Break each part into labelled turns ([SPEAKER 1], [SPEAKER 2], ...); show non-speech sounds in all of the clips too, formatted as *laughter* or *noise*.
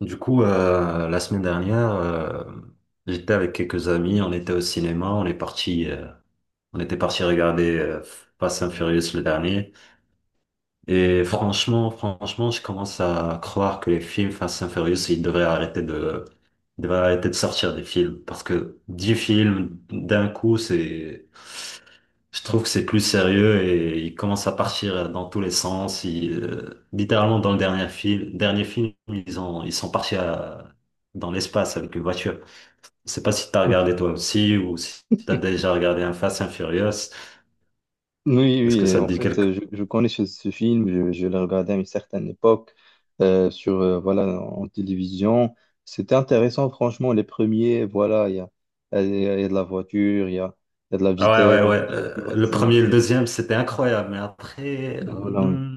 [SPEAKER 1] Du coup, la semaine dernière, j'étais avec quelques amis, on était au cinéma, on est parti, on était parti regarder Fast and Furious le dernier. Et franchement, je commence à croire que les films Fast and Furious, ils devraient arrêter de sortir des films parce que 10 films d'un coup, c'est, je trouve que c'est plus sérieux et il commence à partir dans tous les sens. Il, littéralement, dans le dernier film, ils sont partis dans l'espace avec une voiture. Je sais pas si t'as regardé toi aussi ou si t'as déjà regardé un Fast and Furious.
[SPEAKER 2] Oui,
[SPEAKER 1] Est-ce que
[SPEAKER 2] oui,
[SPEAKER 1] ça te
[SPEAKER 2] en
[SPEAKER 1] dit
[SPEAKER 2] fait,
[SPEAKER 1] quelque
[SPEAKER 2] je connais ce film, je l'ai regardé à une certaine époque sur, voilà, en télévision. C'était intéressant, franchement, les premiers, voilà, il y a de la voiture, il y a de la
[SPEAKER 1] Ah ouais, ouais,
[SPEAKER 2] vitesse,
[SPEAKER 1] ouais.
[SPEAKER 2] tu vois,
[SPEAKER 1] Le premier et le deuxième, c'était incroyable. Mais après,
[SPEAKER 2] voilà, oui.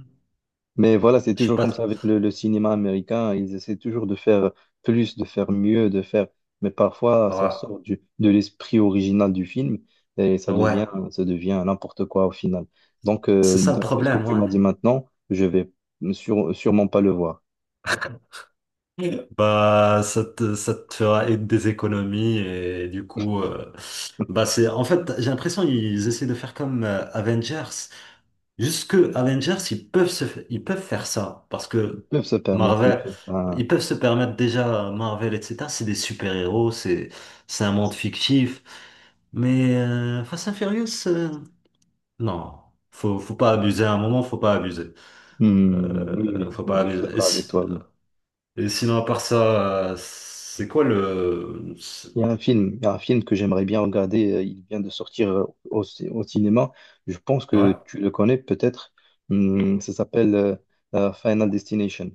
[SPEAKER 2] Mais voilà, c'est
[SPEAKER 1] je sais
[SPEAKER 2] toujours comme ça
[SPEAKER 1] pas.
[SPEAKER 2] avec le cinéma américain. Ils essaient toujours de faire plus, de faire mieux, de faire. Mais parfois, ça
[SPEAKER 1] Ouais,
[SPEAKER 2] sort de l'esprit original du film et
[SPEAKER 1] ouais.
[SPEAKER 2] ça devient n'importe quoi au final. Donc,
[SPEAKER 1] C'est ça le
[SPEAKER 2] d'après ce que
[SPEAKER 1] problème,
[SPEAKER 2] tu
[SPEAKER 1] ouais.
[SPEAKER 2] m'as dit maintenant, je vais sûrement pas le voir.
[SPEAKER 1] Bah, ça te fera être des économies et du coup, bah
[SPEAKER 2] *laughs*
[SPEAKER 1] c'est en fait, j'ai l'impression qu'ils essaient de faire comme Avengers. Jusque Avengers, ils peuvent faire ça parce
[SPEAKER 2] Ils
[SPEAKER 1] que
[SPEAKER 2] peuvent se permettre de
[SPEAKER 1] Marvel,
[SPEAKER 2] faire
[SPEAKER 1] ils
[SPEAKER 2] ça.
[SPEAKER 1] peuvent se permettre déjà Marvel, etc. C'est des super-héros, c'est un monde fictif. Mais Fast and Furious, non, faut pas abuser. À un moment, faut pas abuser.
[SPEAKER 2] Hmm, oui, oui,
[SPEAKER 1] Faut pas
[SPEAKER 2] oui, je suis
[SPEAKER 1] abuser.
[SPEAKER 2] d'accord avec toi, oui.
[SPEAKER 1] Et sinon, à part ça, c'est quoi le... c'est-
[SPEAKER 2] Il y a un film, il y a un film que j'aimerais bien regarder. Il vient de sortir au, au cinéma. Je pense que
[SPEAKER 1] Ouais?
[SPEAKER 2] tu le connais peut-être. Ça s'appelle Final Destination.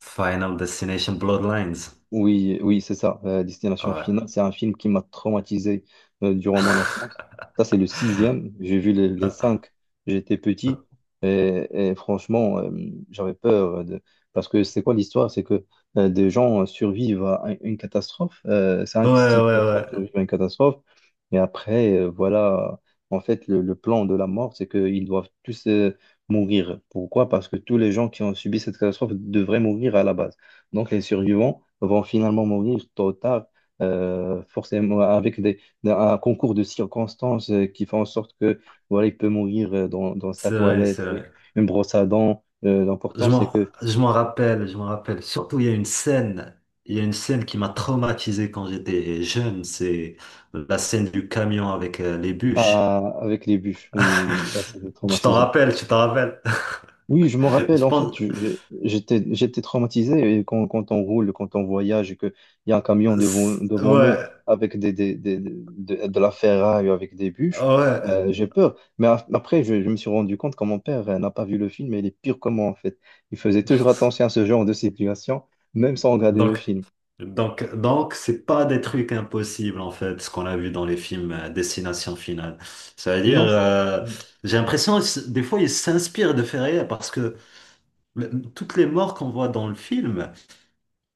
[SPEAKER 1] Final Destination Bloodlines.
[SPEAKER 2] Oui, oui, c'est ça, Destination
[SPEAKER 1] Ouais.
[SPEAKER 2] Finale. C'est un film qui m'a traumatisé durant mon enfance. Ça, c'est le sixième. J'ai vu les
[SPEAKER 1] Ah.
[SPEAKER 2] cinq. J'étais petit et franchement, j'avais peur de... parce que c'est quoi l'histoire? C'est que des gens survivent à un- une catastrophe.
[SPEAKER 1] Ouais,
[SPEAKER 2] Cinq, six
[SPEAKER 1] ouais,
[SPEAKER 2] personnes
[SPEAKER 1] ouais.
[SPEAKER 2] survivent à une catastrophe. Et après, voilà, en fait, le plan de la mort, c'est qu'ils doivent tous mourir. Pourquoi? Parce que tous les gens qui ont subi cette catastrophe devraient mourir à la base. Donc, les survivants vont finalement mourir tôt ou tard, forcément avec des, un concours de circonstances qui fait en sorte que voilà, il peut mourir dans, dans sa
[SPEAKER 1] C'est vrai, c'est
[SPEAKER 2] toilette avec
[SPEAKER 1] vrai.
[SPEAKER 2] une brosse à dents. L'important,
[SPEAKER 1] Je
[SPEAKER 2] c'est
[SPEAKER 1] m'en,
[SPEAKER 2] que
[SPEAKER 1] je m'en rappelle, je m'en rappelle. Surtout, il y a une scène qui m'a traumatisé quand j'étais jeune. C'est la scène du camion avec les bûches.
[SPEAKER 2] ah, avec les bûches, oui, oui, ça, c'est
[SPEAKER 1] *laughs* Tu t'en
[SPEAKER 2] traumatisant.
[SPEAKER 1] rappelles, tu t'en rappelles.
[SPEAKER 2] Oui, je me
[SPEAKER 1] *laughs*
[SPEAKER 2] rappelle,
[SPEAKER 1] Je
[SPEAKER 2] en fait,
[SPEAKER 1] pense,
[SPEAKER 2] j'étais, j'étais traumatisé et quand, quand on roule, quand on voyage et qu'il y a un camion devant, devant nous
[SPEAKER 1] ouais,
[SPEAKER 2] avec des, de la ferraille, avec des bûches,
[SPEAKER 1] ouais.
[SPEAKER 2] j'ai peur. Mais après, je me suis rendu compte que mon père n'a pas vu le film et il est pire que moi, en fait. Il faisait toujours attention à ce genre de situation, même sans regarder le
[SPEAKER 1] Donc,
[SPEAKER 2] film.
[SPEAKER 1] donc, c'est pas des trucs impossibles en fait, ce qu'on a vu dans les films Destination Finale. Cest à dire,
[SPEAKER 2] Non, c'est-
[SPEAKER 1] j'ai l'impression des fois ils s'inspirent de faits réels parce que toutes les morts qu'on voit dans le film,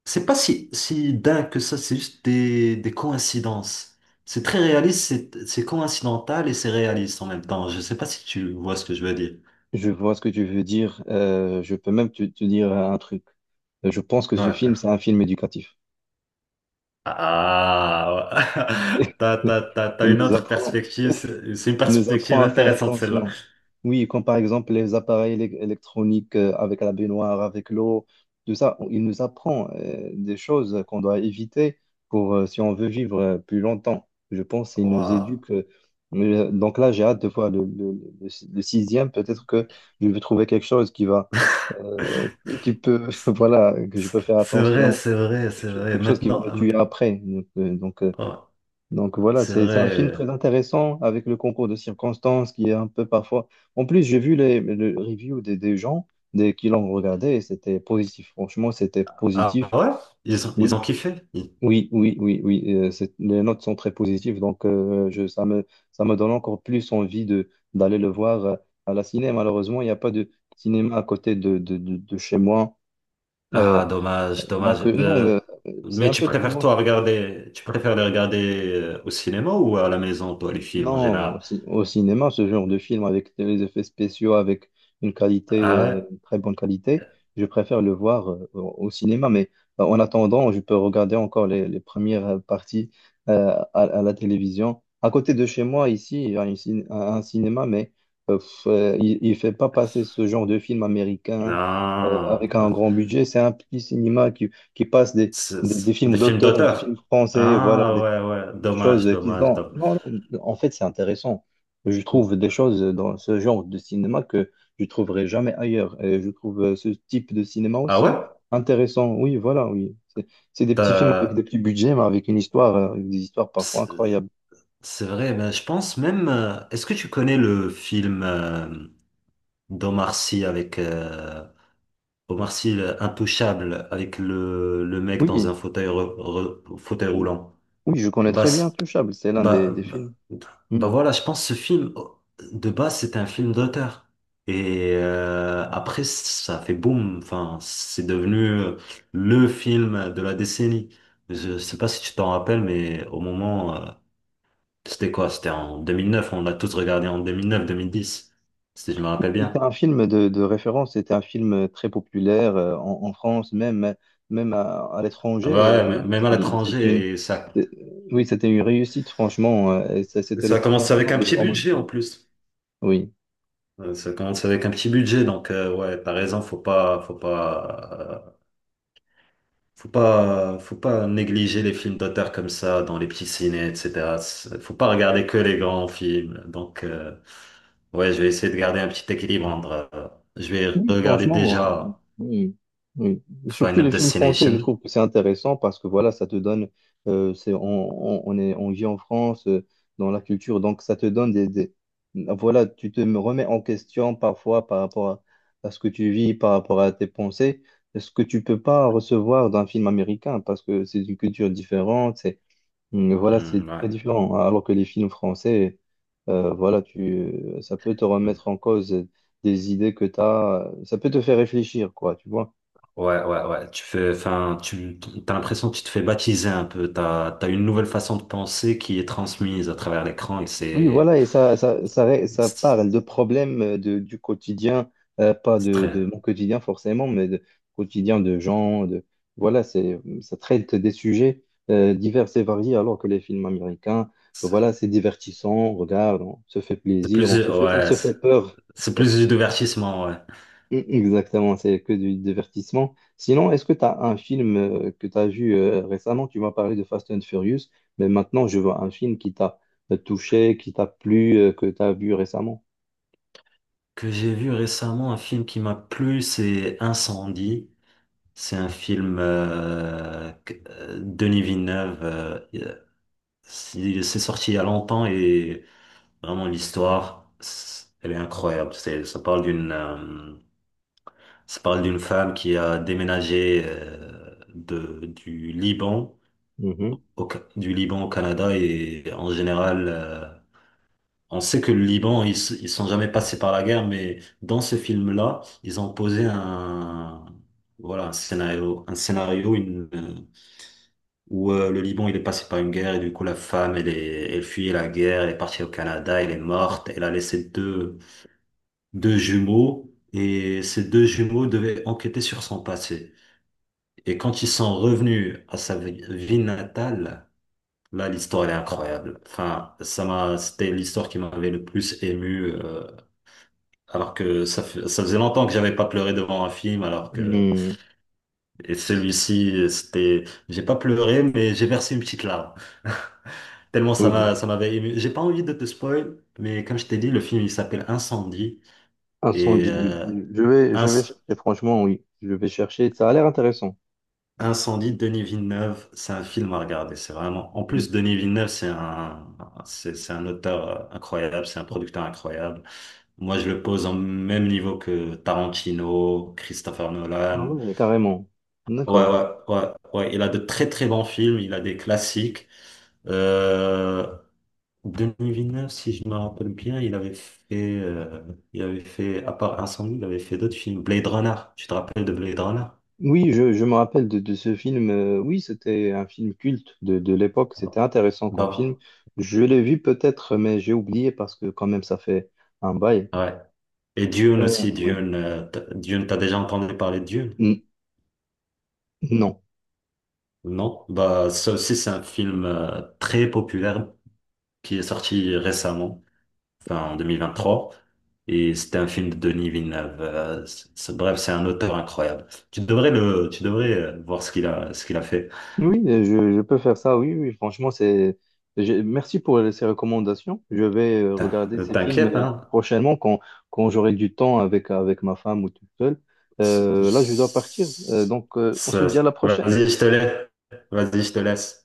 [SPEAKER 1] c'est pas si dingue que ça, c'est juste des coïncidences. C'est très réaliste, c'est coïncidental et c'est réaliste en même temps. Je sais pas si tu vois ce que je veux dire.
[SPEAKER 2] je vois ce que tu veux dire. Je peux même te dire un truc. Je pense que ce film,
[SPEAKER 1] Ouais.
[SPEAKER 2] c'est un film éducatif.
[SPEAKER 1] Ah, ouais. *laughs*
[SPEAKER 2] *laughs*
[SPEAKER 1] T'as
[SPEAKER 2] Il
[SPEAKER 1] une
[SPEAKER 2] nous
[SPEAKER 1] autre
[SPEAKER 2] apprend.
[SPEAKER 1] perspective, c'est une
[SPEAKER 2] Il nous apprend
[SPEAKER 1] perspective
[SPEAKER 2] à faire
[SPEAKER 1] intéressante celle-là.
[SPEAKER 2] attention. Oui, comme par exemple les appareils électroniques avec la baignoire, avec l'eau, tout ça, il nous apprend des choses qu'on doit éviter pour si on veut vivre plus longtemps. Je pense qu'il nous
[SPEAKER 1] Ouah.
[SPEAKER 2] éduque. Donc là, j'ai hâte de voir le sixième. Peut-être que je vais trouver quelque chose qui va, euh, qui peut, *laughs* voilà, que je peux faire
[SPEAKER 1] C'est vrai,
[SPEAKER 2] attention,
[SPEAKER 1] c'est vrai, c'est vrai.
[SPEAKER 2] quelque chose qui va
[SPEAKER 1] Maintenant,
[SPEAKER 2] me tuer après.
[SPEAKER 1] ouais,
[SPEAKER 2] Donc voilà,
[SPEAKER 1] c'est
[SPEAKER 2] c'est un film
[SPEAKER 1] vrai.
[SPEAKER 2] très intéressant avec le concours de circonstances qui est un peu parfois. En plus, j'ai vu les reviews des gens des, qui l'ont regardé et c'était positif. Franchement, c'était
[SPEAKER 1] Ah
[SPEAKER 2] positif.
[SPEAKER 1] ouais? Ils ont
[SPEAKER 2] Oui,
[SPEAKER 1] kiffé? Ils-
[SPEAKER 2] oui. C'est- les notes sont très positives. Donc je, ça me donne encore plus envie de, d'aller le voir à la ciné. Malheureusement, il n'y a pas de cinéma à côté de, de chez moi. Euh,
[SPEAKER 1] Ah, dommage,
[SPEAKER 2] donc
[SPEAKER 1] dommage.
[SPEAKER 2] non, mais, c'est
[SPEAKER 1] Mais
[SPEAKER 2] un peu plus loin.
[SPEAKER 1] tu préfères les regarder au cinéma ou à la maison, toi, les films en
[SPEAKER 2] Non, au,
[SPEAKER 1] général?
[SPEAKER 2] au cinéma, ce genre de film avec les effets spéciaux, avec une qualité,
[SPEAKER 1] Ah ouais?
[SPEAKER 2] une très bonne qualité, je préfère le voir au cinéma. Mais en attendant, je peux regarder encore les premières parties à la télévision. À côté de chez moi, ici, il y a une un cinéma, mais pff, il ne fait pas passer ce genre de film américain avec
[SPEAKER 1] Non.
[SPEAKER 2] un grand budget. C'est un petit cinéma qui passe
[SPEAKER 1] C'est
[SPEAKER 2] des films
[SPEAKER 1] des films
[SPEAKER 2] d'auteurs, des films
[SPEAKER 1] d'auteur.
[SPEAKER 2] français, voilà,
[SPEAKER 1] Ah ouais, ouais. Dommage,
[SPEAKER 2] choses qu'ils
[SPEAKER 1] dommage,
[SPEAKER 2] ont.
[SPEAKER 1] dommage.
[SPEAKER 2] Non, non, en fait, c'est intéressant. Je trouve des choses dans ce genre de cinéma que je trouverai jamais ailleurs. Et je trouve ce type de cinéma
[SPEAKER 1] Ah ouais?
[SPEAKER 2] aussi intéressant. Oui, voilà, oui. C'est des petits films avec des
[SPEAKER 1] T'as-
[SPEAKER 2] petits budgets, mais avec une histoire, avec des histoires parfois incroyables.
[SPEAKER 1] C'est vrai, ben, je pense même. Est-ce que tu connais le film d'Omar Sy avec Omar Sy Intouchable avec le mec dans un
[SPEAKER 2] Oui,
[SPEAKER 1] fauteuil fauteuil
[SPEAKER 2] oui,
[SPEAKER 1] roulant?
[SPEAKER 2] oui, je connais
[SPEAKER 1] Bah,
[SPEAKER 2] très bien Touchable. C'est l'un
[SPEAKER 1] bah,
[SPEAKER 2] des
[SPEAKER 1] bah,
[SPEAKER 2] films. Hmm.
[SPEAKER 1] voilà, je pense ce film oh, de base c'était un film d'auteur et après ça a fait boum. Enfin, c'est devenu le film de la décennie. Je sais pas si tu t'en rappelles, mais au moment c'était quoi? C'était en 2009, on l'a tous regardé en 2009-2010, si je me rappelle
[SPEAKER 2] C'était
[SPEAKER 1] bien.
[SPEAKER 2] un film de référence, c'était un film très populaire en, en France, même, même à
[SPEAKER 1] Ah
[SPEAKER 2] l'étranger.
[SPEAKER 1] bah ouais,
[SPEAKER 2] Oui,
[SPEAKER 1] même à
[SPEAKER 2] c'est une,
[SPEAKER 1] l'étranger, et ça,
[SPEAKER 2] c'est- oui, c'était une réussite, franchement. Et ça- c'était le
[SPEAKER 1] ça commence
[SPEAKER 2] tremplin
[SPEAKER 1] avec un
[SPEAKER 2] de
[SPEAKER 1] petit
[SPEAKER 2] Romain.
[SPEAKER 1] budget en plus.
[SPEAKER 2] Oui,
[SPEAKER 1] Ça commence avec un petit budget, donc ouais, t'as raison, faut pas négliger les films d'auteur comme ça dans les petits ciné, etc. C'est- Faut pas regarder que les grands films. Donc ouais, je vais essayer de garder un petit équilibre entre, je vais
[SPEAKER 2] oui,
[SPEAKER 1] regarder
[SPEAKER 2] franchement,
[SPEAKER 1] déjà
[SPEAKER 2] oui, oui. Surtout les
[SPEAKER 1] Final
[SPEAKER 2] films français, je
[SPEAKER 1] Destination.
[SPEAKER 2] trouve que c'est intéressant parce que voilà, ça te donne, c'est, on, on est, on vit en France, dans la culture, donc ça te donne des- voilà, tu te remets en question parfois par rapport à ce que tu vis, par rapport à tes pensées, ce que tu peux pas recevoir d'un film américain parce que c'est une culture différente. Mm, voilà,
[SPEAKER 1] Hmm,
[SPEAKER 2] c'est
[SPEAKER 1] ouais.
[SPEAKER 2] très différent. Alors que les films français, voilà, tu, ça peut te remettre en cause des idées que tu as, ça peut te faire réfléchir, quoi, tu vois.
[SPEAKER 1] Ouais, ouais, ouais. Enfin, t'as l'impression que tu te fais baptiser un peu. T'as une nouvelle façon de penser qui est transmise à travers l'écran et
[SPEAKER 2] Oui,
[SPEAKER 1] c'est,
[SPEAKER 2] voilà, et ça, ré- ça
[SPEAKER 1] c'est
[SPEAKER 2] parle de problèmes de, du quotidien, pas de,
[SPEAKER 1] très,
[SPEAKER 2] de mon quotidien forcément, mais de quotidien de gens, de, voilà, c'est, ça traite des sujets divers et variés, alors que les films américains,
[SPEAKER 1] c'est
[SPEAKER 2] voilà, c'est divertissant, on regarde, on se fait
[SPEAKER 1] c'est
[SPEAKER 2] plaisir,
[SPEAKER 1] plus,
[SPEAKER 2] on
[SPEAKER 1] ouais,
[SPEAKER 2] se fait peur.
[SPEAKER 1] c'est plus du divertissement, ouais.
[SPEAKER 2] Mm, exactement, c'est que du divertissement. Sinon, est-ce que tu as un film que tu as vu récemment? Tu m'as parlé de Fast and Furious, mais maintenant je vois un film qui t'a touché, qui t'a plu, que tu as vu récemment.
[SPEAKER 1] Que j'ai vu récemment, un film qui m'a plu, c'est Incendie. C'est un film Denis Villeneuve. C'est sorti il y a longtemps et vraiment l'histoire, elle est incroyable. C'est, ça parle d'une Ça parle d'une femme qui a déménagé du Liban
[SPEAKER 2] Mhm.
[SPEAKER 1] du Liban au Canada et en général, on sait que le Liban, ils sont jamais passés par la guerre, mais dans ce film-là, ils ont posé un, voilà, un scénario, où le Liban, il est passé par une guerre et du coup, la femme, elle fuyait la guerre, elle est partie au Canada, elle est morte, elle a laissé deux, deux jumeaux et ces deux jumeaux devaient enquêter sur son passé. Et quand ils sont revenus à sa ville natale, là, l'histoire, elle est incroyable. Enfin, c'était l'histoire qui m'avait le plus ému, alors que ça faisait longtemps que j'avais pas pleuré devant un film, alors que,
[SPEAKER 2] Mm,
[SPEAKER 1] et celui-ci, c'était, j'ai pas pleuré, mais j'ai versé une petite larme. *laughs* Tellement
[SPEAKER 2] oui,
[SPEAKER 1] ça m'avait ému. J'ai pas envie de te spoil, mais comme je t'ai dit, le film, il s'appelle Incendie, et,
[SPEAKER 2] Incendie, oui. Je vais
[SPEAKER 1] Inc-
[SPEAKER 2] chercher, franchement, oui. Je vais chercher. Ça a l'air intéressant.
[SPEAKER 1] Incendie de Denis Villeneuve, c'est un film à regarder. C'est vraiment. En
[SPEAKER 2] Mhm.
[SPEAKER 1] plus, Denis Villeneuve, c'est un auteur incroyable, c'est un producteur incroyable. Moi, je le pose au même niveau que Tarantino, Christopher
[SPEAKER 2] Ah
[SPEAKER 1] Nolan.
[SPEAKER 2] oui, carrément.
[SPEAKER 1] Ouais,
[SPEAKER 2] D'accord.
[SPEAKER 1] ouais, ouais, ouais. Il a de très très bons films. Il a des classiques. Euh, Denis Villeneuve, si je me rappelle bien, il avait fait, à part Incendie, il avait fait d'autres films. Blade Runner. Tu te rappelles de Blade Runner?
[SPEAKER 2] Oui, je me rappelle de ce film. Oui, c'était un film culte de l'époque. C'était intéressant comme film.
[SPEAKER 1] Bah,
[SPEAKER 2] Je l'ai vu peut-être, mais j'ai oublié parce que quand même, ça fait un bail.
[SPEAKER 1] ouais. Et Dune
[SPEAKER 2] Euh,
[SPEAKER 1] aussi,
[SPEAKER 2] oui.
[SPEAKER 1] Dune, t'as déjà entendu parler de Dune?
[SPEAKER 2] N- non.
[SPEAKER 1] Non? Bah, ça aussi, c'est un film très populaire qui est sorti récemment, enfin en 2023. Et c'était un film de Denis Villeneuve. Bref, c'est un auteur incroyable. Tu devrais voir ce qu'il a fait.
[SPEAKER 2] Oui, je peux faire ça. Oui, oui, franchement, c'est. J'ai- Merci pour ces recommandations. Je vais regarder ces films
[SPEAKER 1] T'inquiète, hein?
[SPEAKER 2] prochainement quand, quand j'aurai du temps avec, avec ma femme ou tout seul.
[SPEAKER 1] S-
[SPEAKER 2] Là, je dois partir.
[SPEAKER 1] s-
[SPEAKER 2] Donc, on se dit à la prochaine.
[SPEAKER 1] Vas-y, je te laisse. Vas-y, je te laisse.